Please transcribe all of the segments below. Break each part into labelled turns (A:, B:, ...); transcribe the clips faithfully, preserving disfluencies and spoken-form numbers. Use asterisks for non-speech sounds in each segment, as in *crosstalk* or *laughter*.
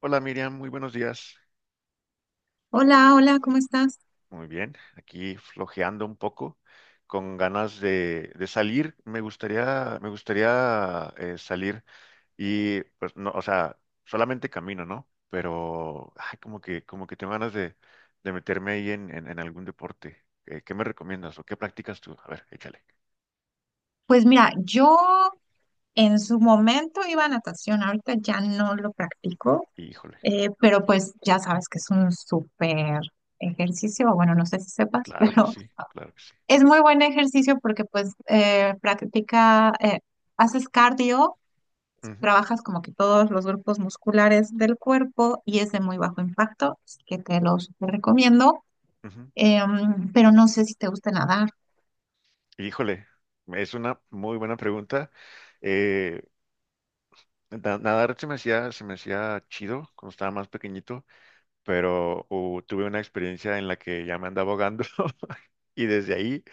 A: Hola Miriam, muy buenos días.
B: Hola, hola, ¿cómo estás?
A: Muy bien, aquí flojeando un poco, con ganas de, de salir. Me gustaría, me gustaría eh, salir y pues no, o sea, solamente camino, ¿no? Pero ay, como que, como que tengo ganas de, de meterme ahí en, en, en algún deporte. Eh, ¿qué me recomiendas o qué practicas tú? A ver, échale.
B: Pues mira, yo en su momento iba a natación, ahorita ya no lo practico,
A: Híjole,
B: eh, pero pues ya sabes que es un súper ejercicio. Bueno, no sé si sepas, *laughs*
A: claro que
B: pero
A: sí, claro que sí.
B: es muy buen ejercicio porque pues eh, practica, eh, haces cardio,
A: Ujú,
B: trabajas como que todos los grupos musculares del cuerpo y es de muy bajo impacto, así que te los recomiendo.
A: ujú.
B: Em, pero no sé si te gusta nadar.
A: Híjole, es una muy buena pregunta. Eh, Na- Nadar se me hacía, se me hacía chido cuando estaba más pequeñito, pero uh, tuve una experiencia en la que ya me andaba ahogando *laughs* y desde ahí,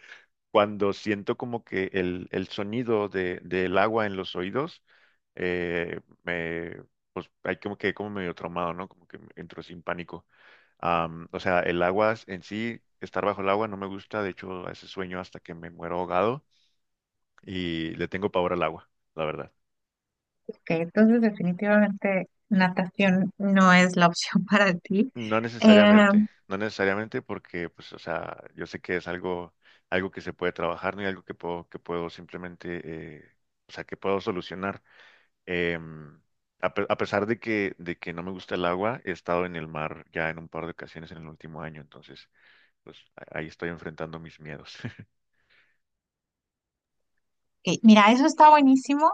A: cuando siento como que el, el sonido de, del agua en los oídos, eh, me, pues hay como que como medio traumado, ¿no? Como que me entro sin pánico. Am, o sea, el agua en sí, estar bajo el agua no me gusta, de hecho, a ese sueño hasta que me muero ahogado y le tengo pavor al agua, la verdad.
B: Ok, entonces definitivamente natación no es la opción *laughs* para ti.
A: No necesariamente,
B: Em,
A: no necesariamente porque, pues, o sea, yo sé que es algo, algo que se puede trabajar, no y algo que puedo, que puedo simplemente, eh, o sea, que puedo solucionar. Em, a, pe- a pesar de que, de que no me gusta el agua, he estado en el mar ya en un par de ocasiones en el último año, entonces, pues, a- ahí estoy enfrentando mis miedos. *laughs*
B: Eh, ok, mira, eso está buenísimo,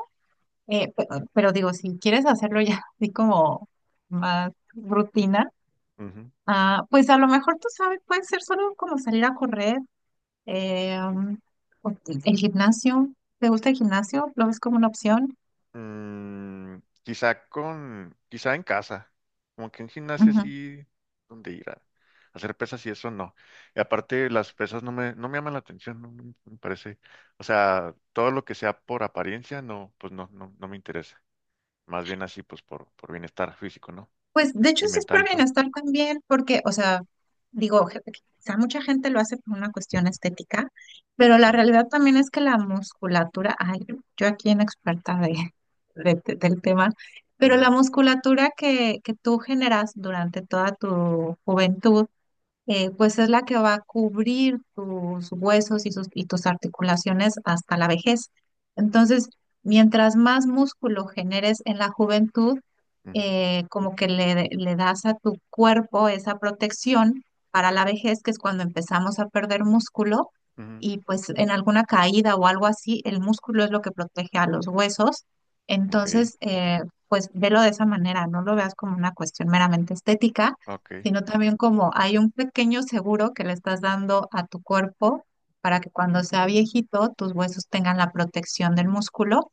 B: eh, pe- pero, digo, si quieres hacerlo ya *laughs* así como más rutina.
A: Ujú.
B: Ah, pues a lo mejor tú sabes, puede ser solo como salir a correr, eh, um, o el gimnasio. ¿Te gusta el gimnasio? ¿Lo ves como una opción?
A: Mm, quizá con, quizá en casa, como que en gimnasio sí, donde ir a hacer pesas y eso no. Y aparte las pesas no me, no me llaman la atención, no, no me parece. O sea, todo lo que sea por apariencia, no, pues no, no, no me interesa. Más bien así, pues por, por bienestar físico, ¿no?
B: Pues de hecho
A: Y
B: sí es
A: mental
B: por
A: y todo.
B: bienestar también, porque, o sea, digo, je- quizá mucha gente lo hace por una cuestión estética, pero la
A: Mm,
B: realidad también es que la musculatura, ay, yo aquí en experta de, de- del tema, pero
A: ujú,
B: la musculatura que, que tú generas durante toda tu juventud, eh, pues es la que va a cubrir tus huesos y, sus- y tus articulaciones hasta la vejez. Entonces, mientras más músculo generes en la juventud,
A: ujú,
B: eh, como que le, le das a tu cuerpo esa protección para la vejez, que es cuando empezamos a perder músculo,
A: ujú.
B: y pues en alguna caída o algo así, el músculo es lo que protege a los huesos.
A: Ok,
B: Entonces, eh, pues velo de esa manera, no lo veas como una cuestión meramente estética,
A: ok.
B: sino también como hay un pequeño seguro que le estás dando a tu cuerpo para que cuando sea viejito tus huesos tengan la protección del músculo.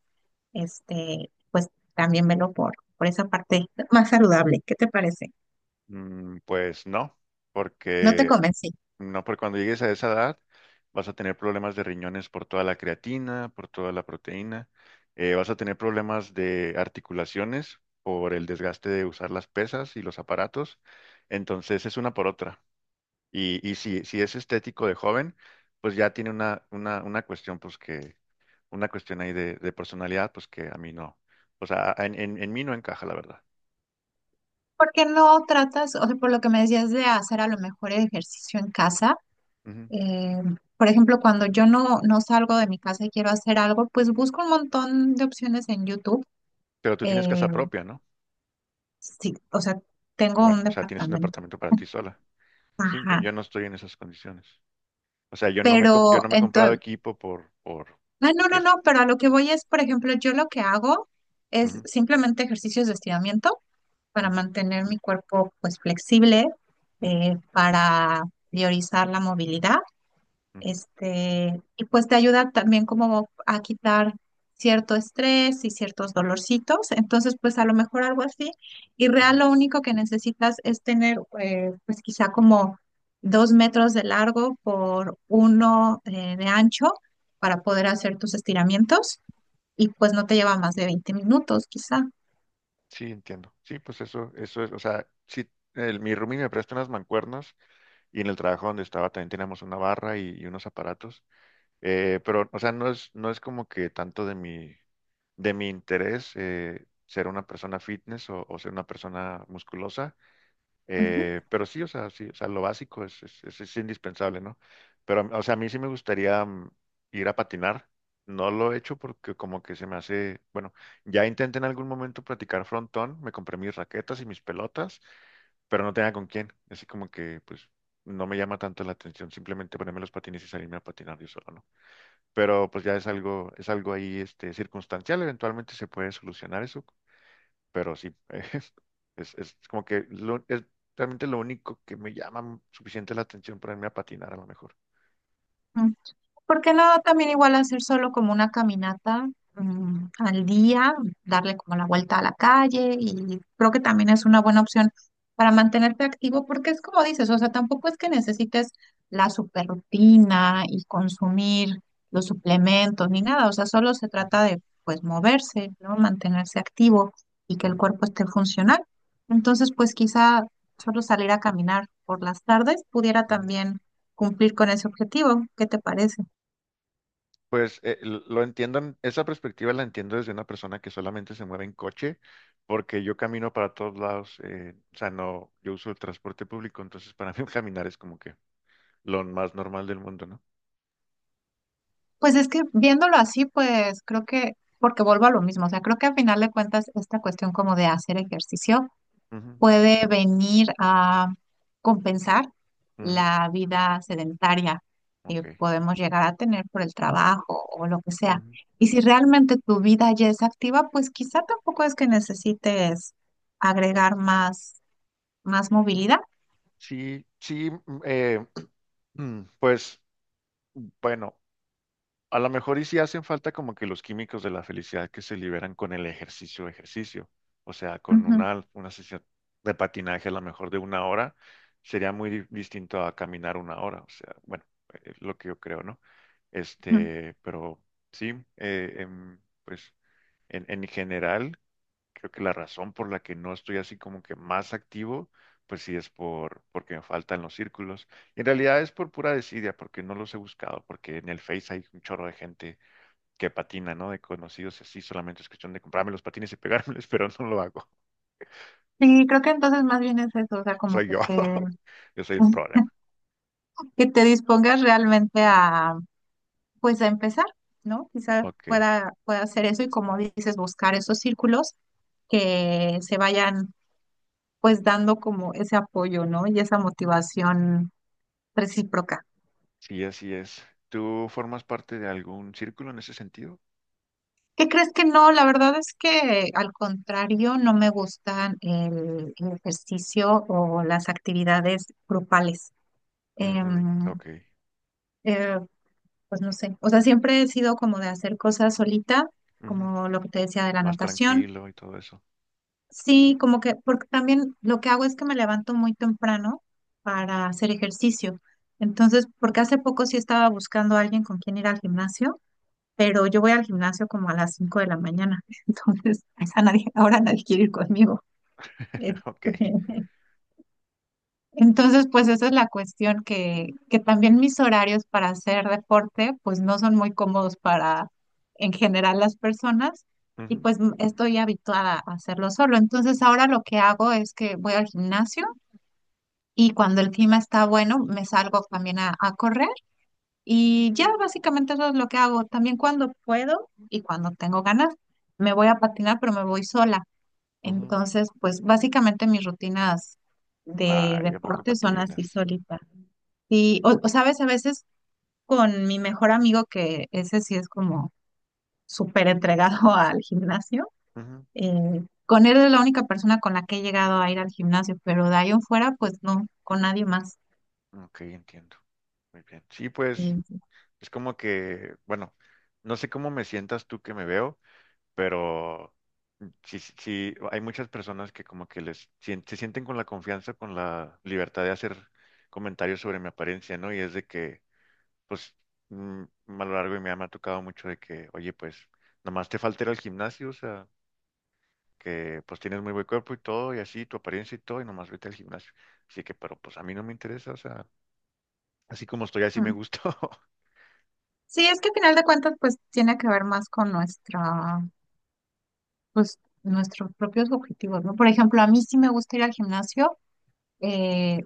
B: Este, pues también velo por, por esa parte más saludable. ¿Qué te parece?
A: Mm, pues no,
B: No te
A: porque
B: convencí.
A: No, porque cuando llegues a esa edad vas a tener problemas de riñones por toda la creatina, por toda la proteína, eh, vas a tener problemas de articulaciones por el desgaste de usar las pesas y los aparatos. Entonces es una por otra. Y, y si, si es estético de joven, pues ya tiene una, una, una cuestión, pues que, una cuestión ahí de, de personalidad, pues que a mí no. O sea, en, en, en mí no encaja, la verdad.
B: ¿Por qué no tratas, o sea, por lo que me decías de hacer a lo mejor ejercicio en casa?
A: Ujú.
B: eh, por ejemplo, cuando yo no, no salgo de mi casa y quiero hacer algo, pues busco un montón de opciones en YouTube.
A: Pero tú tienes
B: eh,
A: casa propia, ¿no?
B: sí, o sea, tengo
A: Bueno,
B: un
A: o sea, tienes un
B: departamento.
A: departamento para ti sola. Sí, yo,
B: Ajá.
A: yo no estoy en esas condiciones. O sea, yo no me, com- yo
B: Pero
A: no me he comprado
B: entonces,
A: equipo por, por,
B: ah, no,
A: porque
B: no,
A: es.
B: no, pero a lo que voy es, por ejemplo, yo lo que hago es
A: Ujú,
B: simplemente ejercicios de estiramiento para
A: ujú,
B: mantener mi cuerpo pues flexible,
A: ujú,
B: eh, para priorizar la movilidad.
A: ujú,
B: Este, y pues te ayuda también como a quitar cierto estrés y ciertos dolorcitos. Entonces, pues a lo mejor algo así. Y
A: ujú.
B: real lo único que necesitas es tener, eh, pues quizá como dos metros de largo por uno, eh, de ancho para poder hacer tus estiramientos, y pues no te lleva más de veinte minutos, quizá.
A: Sí, entiendo. Sí, pues eso, eso es, o sea, sí, el, mi roomie me presta unas mancuernas y en el trabajo donde estaba también teníamos una barra y, y unos aparatos. Eh, pero, o sea, no es, no es como que tanto de mi, de mi interés eh, ser una persona fitness o, o ser una persona musculosa.
B: Ujú,
A: Eh, pero sí, o sea, sí, o sea, lo básico es, es, es- es indispensable, ¿no? Pero, o sea, a mí sí me gustaría mm, ir a patinar. No lo he hecho porque como que se me hace, bueno, ya intenté en algún momento practicar frontón, me compré mis raquetas y mis pelotas, pero no tenía con quién. Así como que, pues, no me llama tanto la atención simplemente ponerme los patines y salirme a patinar yo solo, ¿no? Pero pues ya es algo, es algo ahí, este, circunstancial, eventualmente se puede solucionar eso pero sí, *laughs* eh, es, es como que lo- es realmente lo único que me llama suficiente la atención para irme a patinar a lo mejor.
B: ujú. ¿Por qué no también igual hacer solo como una caminata, mm, al día, darle como la vuelta a la calle? Y creo que también es una buena opción para mantenerte activo, porque es como dices, o sea, tampoco es que necesites la super rutina y consumir los suplementos ni nada, o sea, solo se trata
A: Ujú,
B: de pues moverse, ¿no? Mantenerse activo y que el
A: ujú,
B: cuerpo esté funcional. Entonces, pues quizá solo salir a caminar por las tardes pudiera
A: ujú.
B: también cumplir con ese objetivo. ¿Qué te parece?
A: Pues eh, l- lo entiendo, en- esa perspectiva la entiendo desde una persona que solamente se mueve en coche, porque yo camino para todos lados, eh, o sea, no, yo uso el transporte público, entonces para mí *laughs* caminar es como que lo más normal del mundo, ¿no?
B: Pues es que viéndolo así, pues creo que, porque vuelvo a lo mismo, o sea, creo que al final de cuentas esta cuestión como de hacer ejercicio
A: Ujú,
B: puede venir a compensar
A: ujú,
B: la vida sedentaria
A: ok.
B: que podemos llegar a tener por el trabajo o lo que sea.
A: Ujú.
B: Y si realmente tu vida ya es activa, pues quizá tampoco es que necesites agregar más, más movilidad.
A: Sí, sí, mm, eh, *clears throat* pues bueno. A lo mejor y sí hacen falta como que los químicos de la felicidad que se liberan con el ejercicio, ejercicio. O sea, con
B: Ujú,
A: una, una sesión de patinaje a lo mejor de una hora sería muy di- distinto a caminar una hora. O sea, bueno, es lo que yo creo, ¿no?
B: ujú.
A: Este, pero sí, eh, em, pues en, en general, creo que la razón por la que no estoy así como que más activo, pues sí es por, porque me faltan los círculos. Y en realidad es por pura desidia, porque no los he buscado, porque en el Face hay un chorro de gente que patina, ¿no? De conocidos así, solamente es cuestión de comprarme los patines y pegármelos, *laughs* pero no lo hago.
B: Sí, creo que entonces más bien es eso, o sea, como
A: Soy
B: que
A: yo.
B: te,
A: *laughs* Yo soy el problema.
B: *laughs* que te dispongas realmente pues a empezar, ¿no? Quizás
A: Ok.
B: pueda, pueda hacer eso y como dices, buscar esos círculos que se vayan pues dando como ese apoyo, ¿no? Y esa motivación recíproca.
A: Sí, así es. ¿Tú formas parte de algún círculo en ese sentido?
B: ¿Qué crees que no? La verdad es que al contrario, no me gustan el, el ejercicio o las actividades grupales.
A: Ujú,
B: Em,
A: ok.
B: eh, pues no sé, o sea, siempre he sido como de hacer cosas solita,
A: Ujú.
B: como lo que te decía de la
A: Más
B: natación.
A: tranquilo y todo eso.
B: Sí, como que, porque también lo que hago es que me levanto muy temprano para hacer ejercicio. Entonces, porque hace poco sí estaba buscando a alguien con quien ir al gimnasio, pero yo voy al gimnasio como a las cinco de la mañana. *laughs* Entonces, a esa nadie, ahora nadie quiere ir conmigo. Este,
A: *laughs* Ok.
B: entonces, pues esa es la cuestión, que, que también mis horarios para hacer deporte, pues no son muy cómodos para en general las personas, y
A: Ujú,
B: pues m- estoy habituada a hacerlo solo. Entonces, ahora lo que hago es que voy al gimnasio y cuando el clima está bueno, me salgo también a, a correr y ya básicamente eso es lo que hago. También cuando puedo y cuando tengo ganas, me voy a patinar, pero me voy sola.
A: ujú.
B: Entonces, pues básicamente mis rutinas de
A: Ay, ¿a poco
B: deporte son así
A: patinas?
B: solitas. Sí, o, o sabes, a veces con mi mejor amigo, que ese sí es como súper entregado *laughs* al gimnasio, eh, con él es la única persona con la que he llegado a ir al gimnasio, pero de ahí en fuera, pues no, con nadie más.
A: Ujú. Ok, entiendo. Muy bien. Sí, pues
B: Sí, sí.
A: es como que, bueno, no sé cómo me sientas tú que me veo, pero sí, sí, sí, hay muchas personas que como que les sien- se sienten con la confianza, con la libertad de hacer comentarios sobre mi apariencia, ¿no? Y es de que, pues, mm, a lo largo de mi vida me ha tocado mucho de que, oye, pues, nomás te falta ir al gimnasio, o sea, que pues tienes muy buen cuerpo y todo, y así, tu apariencia y todo, y nomás vete al gimnasio. Así que, pero pues a mí no me interesa, o sea, así como estoy, así me
B: Mm.
A: gusto. *laughs*
B: Sí, es que al final de cuentas, pues tiene que ver más con nuestra, pues nuestros propios objetivos, ¿no? Por ejemplo, a mí sí me gusta ir al gimnasio. eh,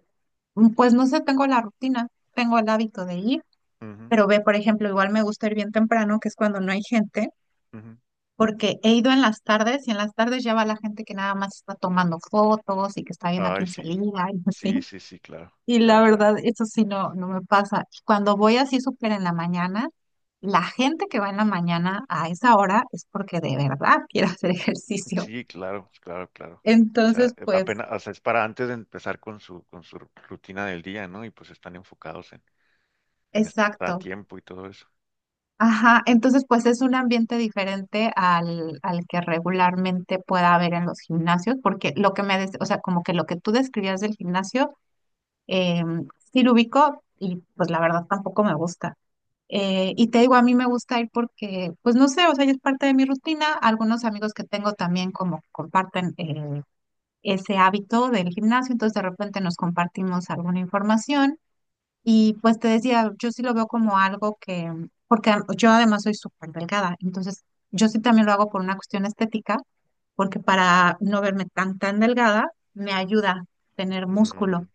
B: pues no sé, tengo la rutina, tengo el hábito de ir,
A: Ujú,
B: pero ve, por ejemplo, igual me gusta ir bien temprano, que es cuando no hay gente,
A: ujú.
B: porque he ido en las tardes y en las tardes ya va la gente que nada más está tomando fotos y que está viendo a
A: Ay,
B: quién se
A: sí,
B: liga y
A: sí,
B: así.
A: sí, sí, claro,
B: Y la
A: claro, claro.
B: verdad, eso sí no, no me pasa. Y cuando voy así súper en la mañana, la gente que va en la mañana a esa hora es porque de verdad quiere *laughs* hacer ejercicio.
A: Sí, claro, claro, claro. O sea,
B: Entonces,
A: eh,
B: pues,
A: apenas, o sea, es para antes de empezar con su, con su rutina del día, ¿no? Y pues están enfocados en, en estar a
B: exacto.
A: tiempo y todo eso.
B: Ajá, entonces pues es un ambiente diferente al, al que regularmente pueda haber en los gimnasios, porque lo que me, des- o sea, como que lo que tú describías del gimnasio, Eh, sí lo ubico y pues la verdad tampoco me gusta. Eh, y te digo, a mí me gusta ir porque, pues no sé, o sea, ya es parte de mi rutina. Algunos amigos que tengo también como comparten eh, ese hábito del gimnasio, entonces de repente nos compartimos alguna información. Y pues te decía, yo sí lo veo como algo que, porque a- yo además soy súper delgada, entonces yo sí también lo hago por una cuestión estética, porque para no verme tan, tan delgada, me ayuda tener músculo.
A: Mm,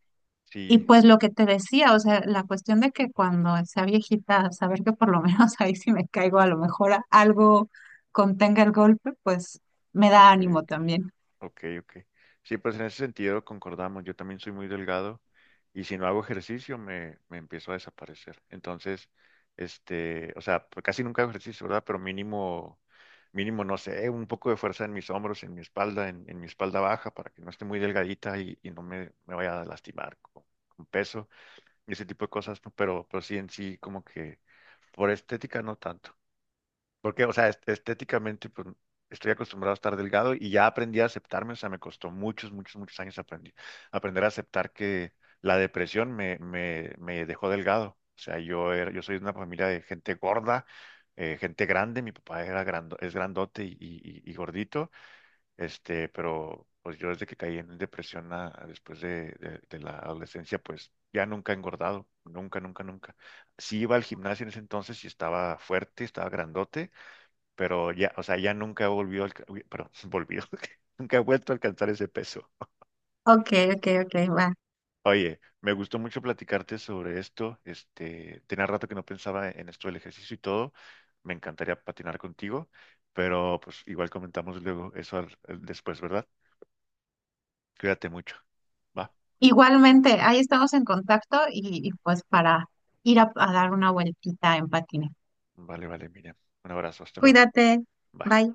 B: Y
A: sí,
B: pues lo que te decía, o sea, la cuestión de que cuando sea viejita, saber que por lo menos *laughs* ahí si me caigo, a lo mejor a- algo contenga el golpe, pues me da
A: ok,
B: ánimo también.
A: ok, ok. Sí, pues en ese sentido concordamos. Yo también soy muy delgado y si no hago ejercicio me, me empiezo a desaparecer. Entonces, este, o sea, pues casi nunca hago ejercicio, ¿verdad? Pero mínimo, mínimo, no sé, un poco de fuerza en mis hombros, en mi espalda, en, en mi espalda baja para que no esté muy delgadita y, y no me, me vaya a lastimar con, con peso y ese tipo de cosas, ¿no? Pero, pero sí en sí como que por estética no tanto. Porque, o sea, est- estéticamente, pues, estoy acostumbrado a estar delgado y ya aprendí a aceptarme, o sea, me costó muchos, muchos, muchos años aprendí- aprender a aceptar que la depresión me, me, me dejó delgado. O sea, yo era, yo soy de una familia de gente gorda, eh, gente grande, mi papá era grando- es grandote y, y- y gordito, este, pero pues yo desde que caí en depresión a- a después de, de de la adolescencia, pues ya nunca he engordado, nunca, nunca, nunca. Sí iba al gimnasio en ese entonces y estaba fuerte, estaba grandote pero ya, o sea, ya nunca volvió, al, pero *laughs* volvió, *laughs* nunca ha vuelto a alcanzar ese peso.
B: Ok, ok, ok, va.
A: Oye, me gustó mucho platicarte sobre esto. Este, tenía rato que no pensaba en esto del ejercicio y todo. Me encantaría patinar contigo, pero pues igual comentamos luego eso al- al- después, ¿verdad? Cuídate mucho. Va,
B: Igualmente, ahí estamos en contacto y, y pues para ir a a dar una vueltita en patines.
A: vale, vale, Miriam. Un abrazo, hasta luego.
B: Cuídate,
A: Bye.
B: bye.